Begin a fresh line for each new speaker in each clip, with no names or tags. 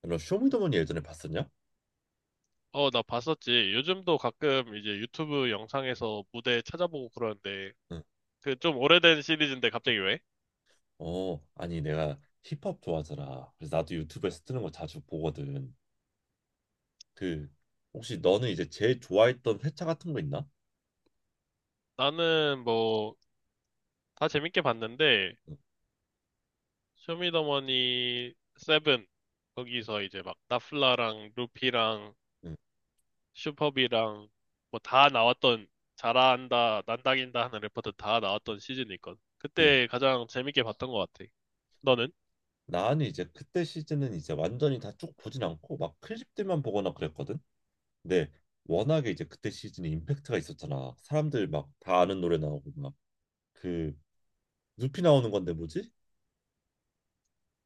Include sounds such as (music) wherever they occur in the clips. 너 쇼미더머니 예전에 봤었냐?
어, 나 봤었지. 요즘도 가끔 이제 유튜브 영상에서 무대 찾아보고 그러는데,
응.
그 좀 오래된 시리즈인데 갑자기 왜?
아니 내가 힙합 좋아하잖아. 그래서 나도 유튜브에서 뜨는 거 자주 보거든. 그 혹시 너는 이제 제일 좋아했던 회차 같은 거 있나?
나는 뭐, 다 재밌게 봤는데,
응,
쇼미더머니 세븐, 거기서 이제 막 나플라랑 루피랑
응,
슈퍼비랑 뭐 다 나왔던, 잘한다, 난다긴다 하는 래퍼들 다 나왔던 시즌이 있거든.
응.
그때 가장 재밌게 봤던 것 같아. 너는?
나는 이제 그때 시즌은 이제 완전히 다 쭉 보진 않고 막 클립들만 보거나 그랬거든. 근데 워낙에 이제 그때 시즌에 임팩트가 있었잖아. 사람들 막 다 아는 노래 나오고 막 그 누피 나오는 건데 뭐지?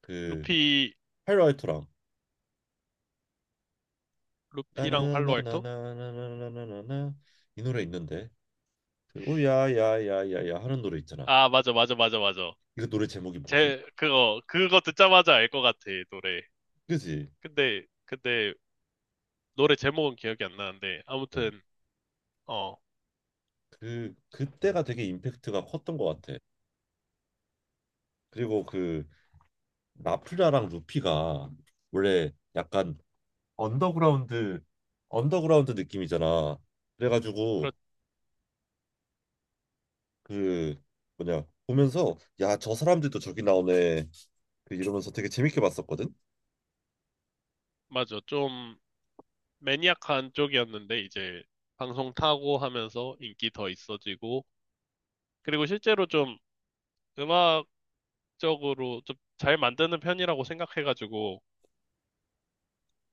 그
루피,
하이라이터랑
루피랑 팔로알토?
나나나나나나나나나 이 노래 있는데. 그 오야야야야야 하는 노래 있잖아.
아, 맞아, 맞아, 맞아, 맞아.
이거 노래 제목이 뭐지?
제 그거 듣자마자 알 것 같아 노래.
그지?
근데 노래 제목은 기억이 안 나는데
응.
아무튼. 어
그 그때가 되게 임팩트가 컸던 것 같아. 그리고 그 나플라랑 루피가 원래 약간 언더그라운드 언더그라운드 느낌이잖아.
그렇
그래가지고 그 뭐냐 보면서 야, 저 사람들도 저기 나오네 그 이러면서 되게 재밌게 봤었거든.
맞아. 좀 매니악한 쪽이었는데 이제 방송 타고 하면서 인기 더 있어지고, 그리고 실제로 좀 음악적으로 좀 잘 만드는 편이라고 생각해가지고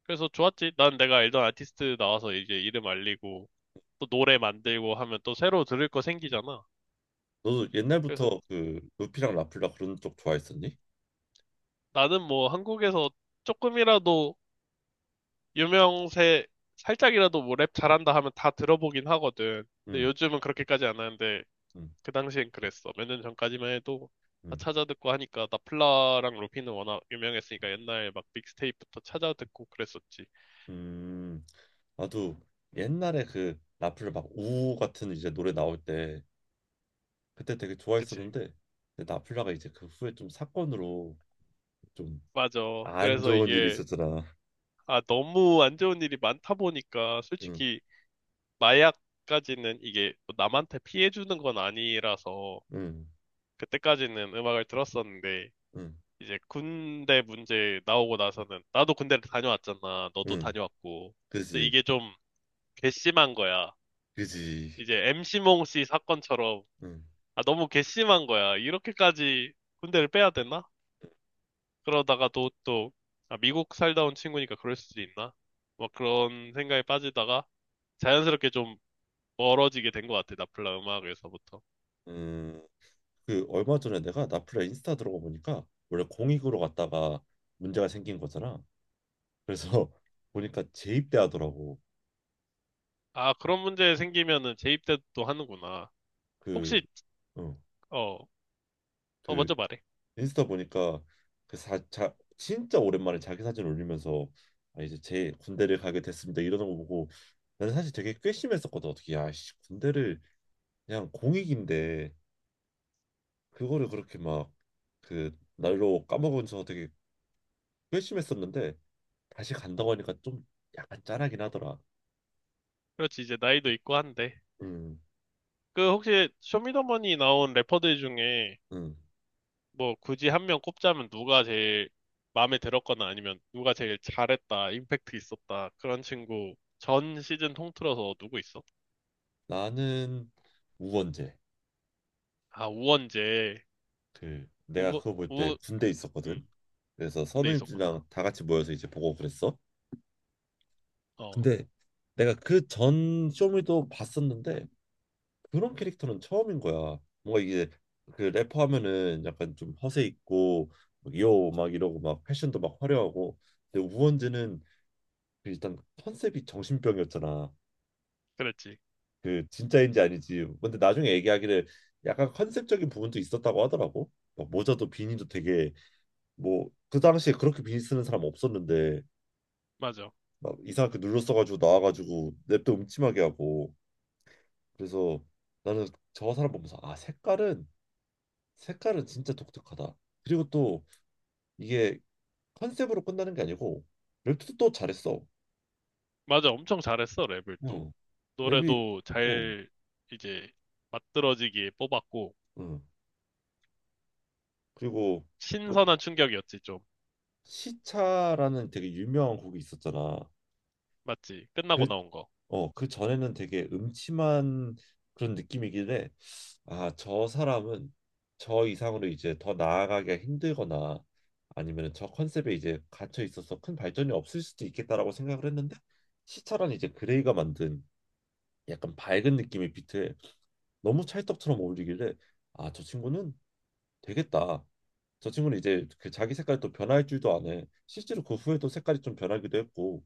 그래서 좋았지. 난 내가 알던 아티스트 나와서 이제 이름 알리고 또 노래 만들고 하면 또 새로 들을 거 생기잖아.
너도
그래서
옛날부터 그 루피랑 나플라 그런 쪽 좋아했었니?
나는 뭐 한국에서 조금이라도 유명세, 살짝이라도 뭐 랩 잘한다 하면 다 들어보긴 하거든. 근데
응,
요즘은 그렇게까지 안 하는데,
응,
그 당시엔 그랬어. 몇 년 전까지만 해도 다
응,
찾아듣고 하니까 나플라랑 루피는 워낙 유명했으니까 옛날 막 믹스테이프부터 찾아듣고 그랬었지.
음. 나도 옛날에 그 나플라 막 우우 같은 이제 노래 나올 때 그때 되게
그치?
좋아했었는데 근데 나플라가 이제 그 후에 좀 사건으로 좀
맞아.
안
그래서
좋은 일이
이게,
있었잖아.
아 너무 안 좋은 일이 많다 보니까
응,
솔직히 마약까지는 이게 뭐 남한테 피해 주는 건 아니라서
응,
그때까지는 음악을 들었었는데,
응,
이제 군대 문제 나오고 나서는 나도 군대를 다녀왔잖아. 너도
응.
다녀왔고. 그래서
그지,
이게 좀 괘씸한 거야.
그지.
이제 MC몽 씨 사건처럼
응,
아 너무 괘씸한 거야. 이렇게까지 군대를 빼야 되나? 그러다가 또 아, 미국 살다 온 친구니까 그럴 수도 있나? 막 그런 생각에 빠지다가 자연스럽게 좀 멀어지게 된 것 같아. 나플라 음악에서부터.
응. 그 얼마 전에 내가 나플라 인스타 들어가 보니까 원래 공익으로 갔다가 문제가 생긴 거잖아. 그래서 (laughs) 보니까 재입대하더라고.
아 그런 문제 생기면은 재입대도 하는구나.
그,
혹시.
어,
어, 어
그
먼저 말해.
인스타 보니까 진짜 오랜만에 자기 사진 올리면서 아, 이제 제 군대를 가게 됐습니다 이러는 거 보고 나는 사실 되게 괘씸했었거든. 어떻게 야씨 군대를 그냥 공익인데 그거를 그렇게 막 그 날로 까먹으면서 되게 괘씸했었는데 다시 간다고 하니까 좀 약간 짠하긴 하더라.
그렇지, 이제 나이도 있고 한데.
음,
그 혹시 쇼미더머니 나온 래퍼들 중에
음.
뭐 굳이 한 명 꼽자면 누가 제일 마음에 들었거나 아니면 누가 제일 잘했다, 임팩트 있었다 그런 친구 전 시즌 통틀어서 누구 있어?
나는 우원재.
아, 우원재.
그 내가
우우.
그거 볼 때 군대 있었거든.
음,
그래서
군대 있었구나.
선우님들이랑 다 같이 모여서 이제 보고 그랬어.
어,
근데 내가 그 전 쇼미도 봤었는데 그런 캐릭터는 처음인 거야. 뭔가 이게 그 래퍼 하면은 약간 좀 허세 있고 요막 이러고 막 패션도 막 화려하고 근데 우원재는 그 일단 컨셉이 정신병이었잖아.
그랬지.
그 진짜인지 아니지. 근데 나중에 얘기하기를 약간 컨셉적인 부분도 있었다고 하더라고. 막 모자도 비니도 되게 뭐 그 당시에 그렇게 비니 쓰는 사람 없었는데
맞아,
막 이상하게 눌러 써가지고 나와가지고 랩도 음침하게 하고 그래서 나는 저 사람 보면서 아, 색깔은 진짜 독특하다. 그리고 또 이게 컨셉으로 끝나는 게 아니고 랩도 또 잘했어.
맞아, 엄청 잘했어 랩을 또.
응. 랩이
노래도
응.
잘 이제 맞들어지게 뽑았고,
응. 그리고 또
신선한 충격이었지 좀.
시차라는 되게 유명한 곡이 있었잖아.
맞지, 끝나고
그
나온 거.
어, 그 전에는 되게 음침한 그런 느낌이길래 아, 저 사람은 저 이상으로 이제 더 나아가기가 힘들거나 아니면 저 컨셉에 이제 갇혀 있어서 큰 발전이 없을 수도 있겠다라고 생각을 했는데 시차란 이제 그레이가 만든 약간 밝은 느낌의 비트에 너무 찰떡처럼 어울리길래 아, 저 친구는 되겠다. 저 친구는 이제 그 자기 색깔이 또 변할 줄도 아네. 실제로 그 후에도 색깔이 좀 변하기도 했고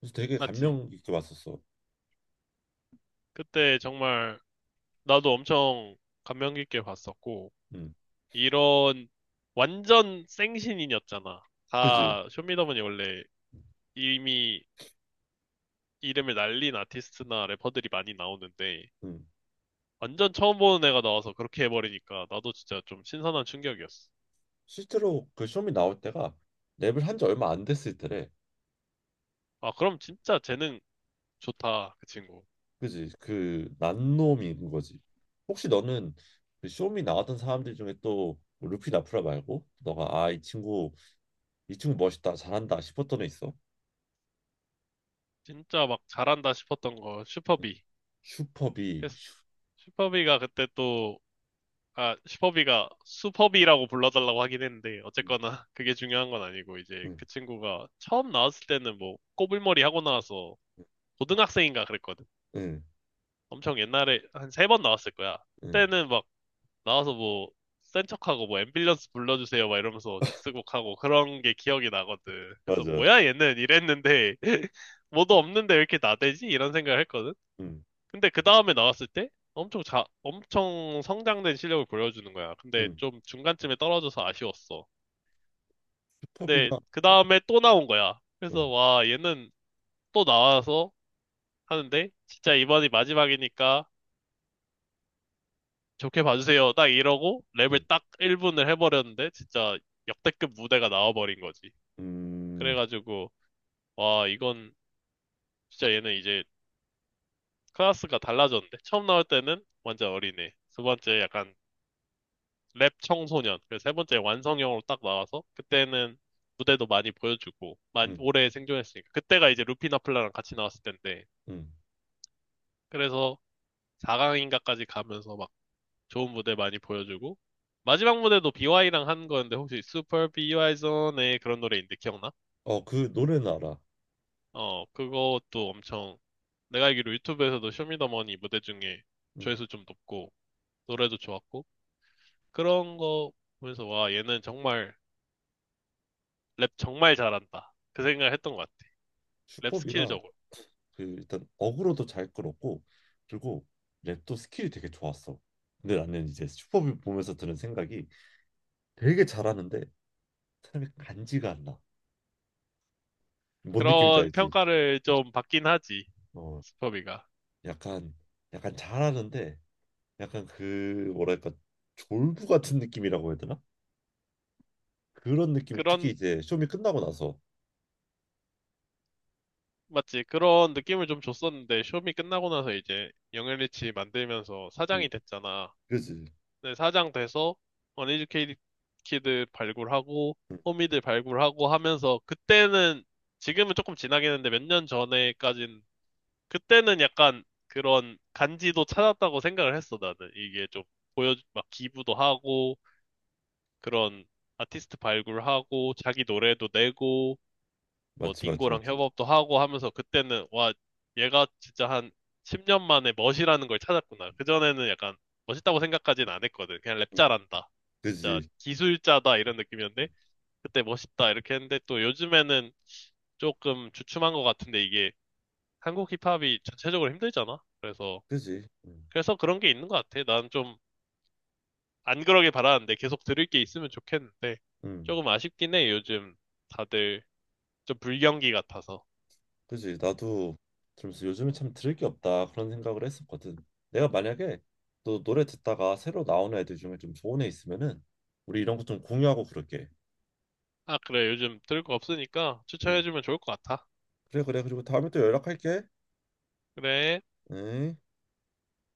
그래서 되게
맞지.
감명 깊게 봤었어.
그때 정말 나도 엄청 감명 깊게 봤었고,
음,
이런 완전 생신인이었잖아.
그지?
다 쇼미더머니 원래 이미 이름을 날린 아티스트나 래퍼들이 많이 나오는데,
음,
완전 처음 보는 애가 나와서 그렇게 해버리니까 나도 진짜 좀 신선한 충격이었어.
실제로 그 쇼미 나올 때가 랩을 한 지 얼마 안 됐을 때래.
아, 그럼 진짜 재능 좋다, 그 친구.
그지. 그 난놈인 거지. 혹시 너는 그 쇼미 나왔던 사람들 중에 또 뭐 루피 나프라 말고 너가 아, 이 친구 멋있다 잘한다 싶었던 애 있어?
진짜 막 잘한다 싶었던 거,
응.
슈퍼비.
슈퍼비.
그래서 슈퍼비가 그때 또, 아, 슈퍼비가 슈퍼비라고 불러달라고 하긴 했는데, 어쨌거나 그게 중요한 건 아니고, 이제 그 친구가 처음 나왔을 때는 뭐, 꼬불머리 하고 나와서 고등학생인가 그랬거든.
응응응.
엄청 옛날에 한 세 번 나왔을 거야. 그때는 막, 나와서 뭐, 센 척하고 뭐, 앰뷸런스 불러주세요 막 이러면서 디스곡하고 그런 게 기억이 나거든. 그래서
맞아.
뭐야, 얘는 이랬는데, (laughs) 뭐도 없는데 왜 이렇게 나대지? 이런 생각을 했거든. 근데 그 다음에 나왔을 때 엄청 성장된 실력을 보여주는 거야. 근데
응응.
좀 중간쯤에 떨어져서 아쉬웠어. 근데
슈퍼비가
그 다음에 또 나온 거야. 그래서 와, 얘는 또 나와서 하는데 진짜 이번이 마지막이니까 좋게 봐주세요. 딱 이러고 랩을 딱 1분을 해버렸는데 진짜 역대급 무대가 나와버린 거지.
어응응응응어그
그래가지고 와, 이건 진짜 얘는 이제 클래스가 달라졌는데, 처음 나올 때는 완전 어린애, 두 번째 약간 랩 청소년, 그래서 세 번째 완성형으로 딱 나와서, 그때는 무대도 많이 보여주고 많이 오래 생존했으니까, 그때가 이제 루피나플라랑 같이 나왔을 텐데, 그래서 4강인가까지 가면서 막 좋은 무대 많이 보여주고 마지막 무대도 BY랑 한 거였는데, 혹시 Super BY Zone의 그런 노래인데 기억나?
노래는 알아.
어, 그것도 엄청, 내가 알기로 유튜브에서도 쇼미더머니 무대 중에
응.
조회수 좀 높고 노래도 좋았고, 그런 거 보면서 와 얘는 정말 랩 정말 잘한다 그 생각을 했던 것 같아. 랩
슈퍼비가
스킬적으로.
그 일단 어그로도 잘 끌었고 그리고 랩도 스킬이 되게 좋았어. 근데 나는 이제 슈퍼볼 보면서 드는 생각이 되게 잘하는데 사람이 간지가 안 나. 뭔 느낌인지
그런
알지?
평가를 좀 받긴 하지,
어,
스퍼비가.
약간 약간 잘하는데 약간 그 뭐랄까 졸부 같은 느낌이라고 해야 되나? 그런 느낌이 특히
그런,
이제 쇼미 끝나고 나서.
맞지? 그런 느낌을 좀 줬었는데, 쇼미 끝나고 나서 이제 영앤리치 만들면서 사장이
응,
됐잖아.
그지?
근데 사장 돼서 어니즈케이드 키드 발굴하고,
응,
호미들 발굴하고 하면서, 그때는, 지금은 조금 지나긴 했는데 몇 년 전에까진, 그때는 약간 그런 간지도 찾았다고 생각을 했어, 나는. 이게 좀 보여, 막 기부도 하고, 그런 아티스트 발굴하고 자기 노래도 내고 뭐
맞지 맞지
딩고랑
맞지.
협업도 하고 하면서, 그때는 와 얘가 진짜 한 10년 만에 멋이라는 걸 찾았구나. 그전에는 약간 멋있다고 생각까지는 안 했거든. 그냥 랩
응,
잘한다, 진짜
그지?
기술자다 이런 느낌이었는데, 그때 멋있다 이렇게 했는데 또 요즘에는 조금 주춤한 것 같은데, 이게 한국 힙합이 전체적으로 힘들잖아. 그래서,
그지? 응,
그래서 그런 게 있는 것 같아. 난좀 안 그러길 바라는데 계속 들을 게 있으면 좋겠는데
응.
조금 아쉽긴 해. 요즘 다들 좀 불경기 같아서.
그지. 나도 들으면서 요즘에 참 들을 게 없다 그런 생각을 했었거든. 내가 만약에 또 노래 듣다가 새로 나오는 애들 중에 좀 좋은 애 있으면은 우리 이런 거 좀 공유하고 그럴게.
아, 그래. 요즘 들을 거 없으니까
응.
추천해주면 좋을 것 같아.
그래 그래 그리고 다음에 또 연락할게.
그래.
응.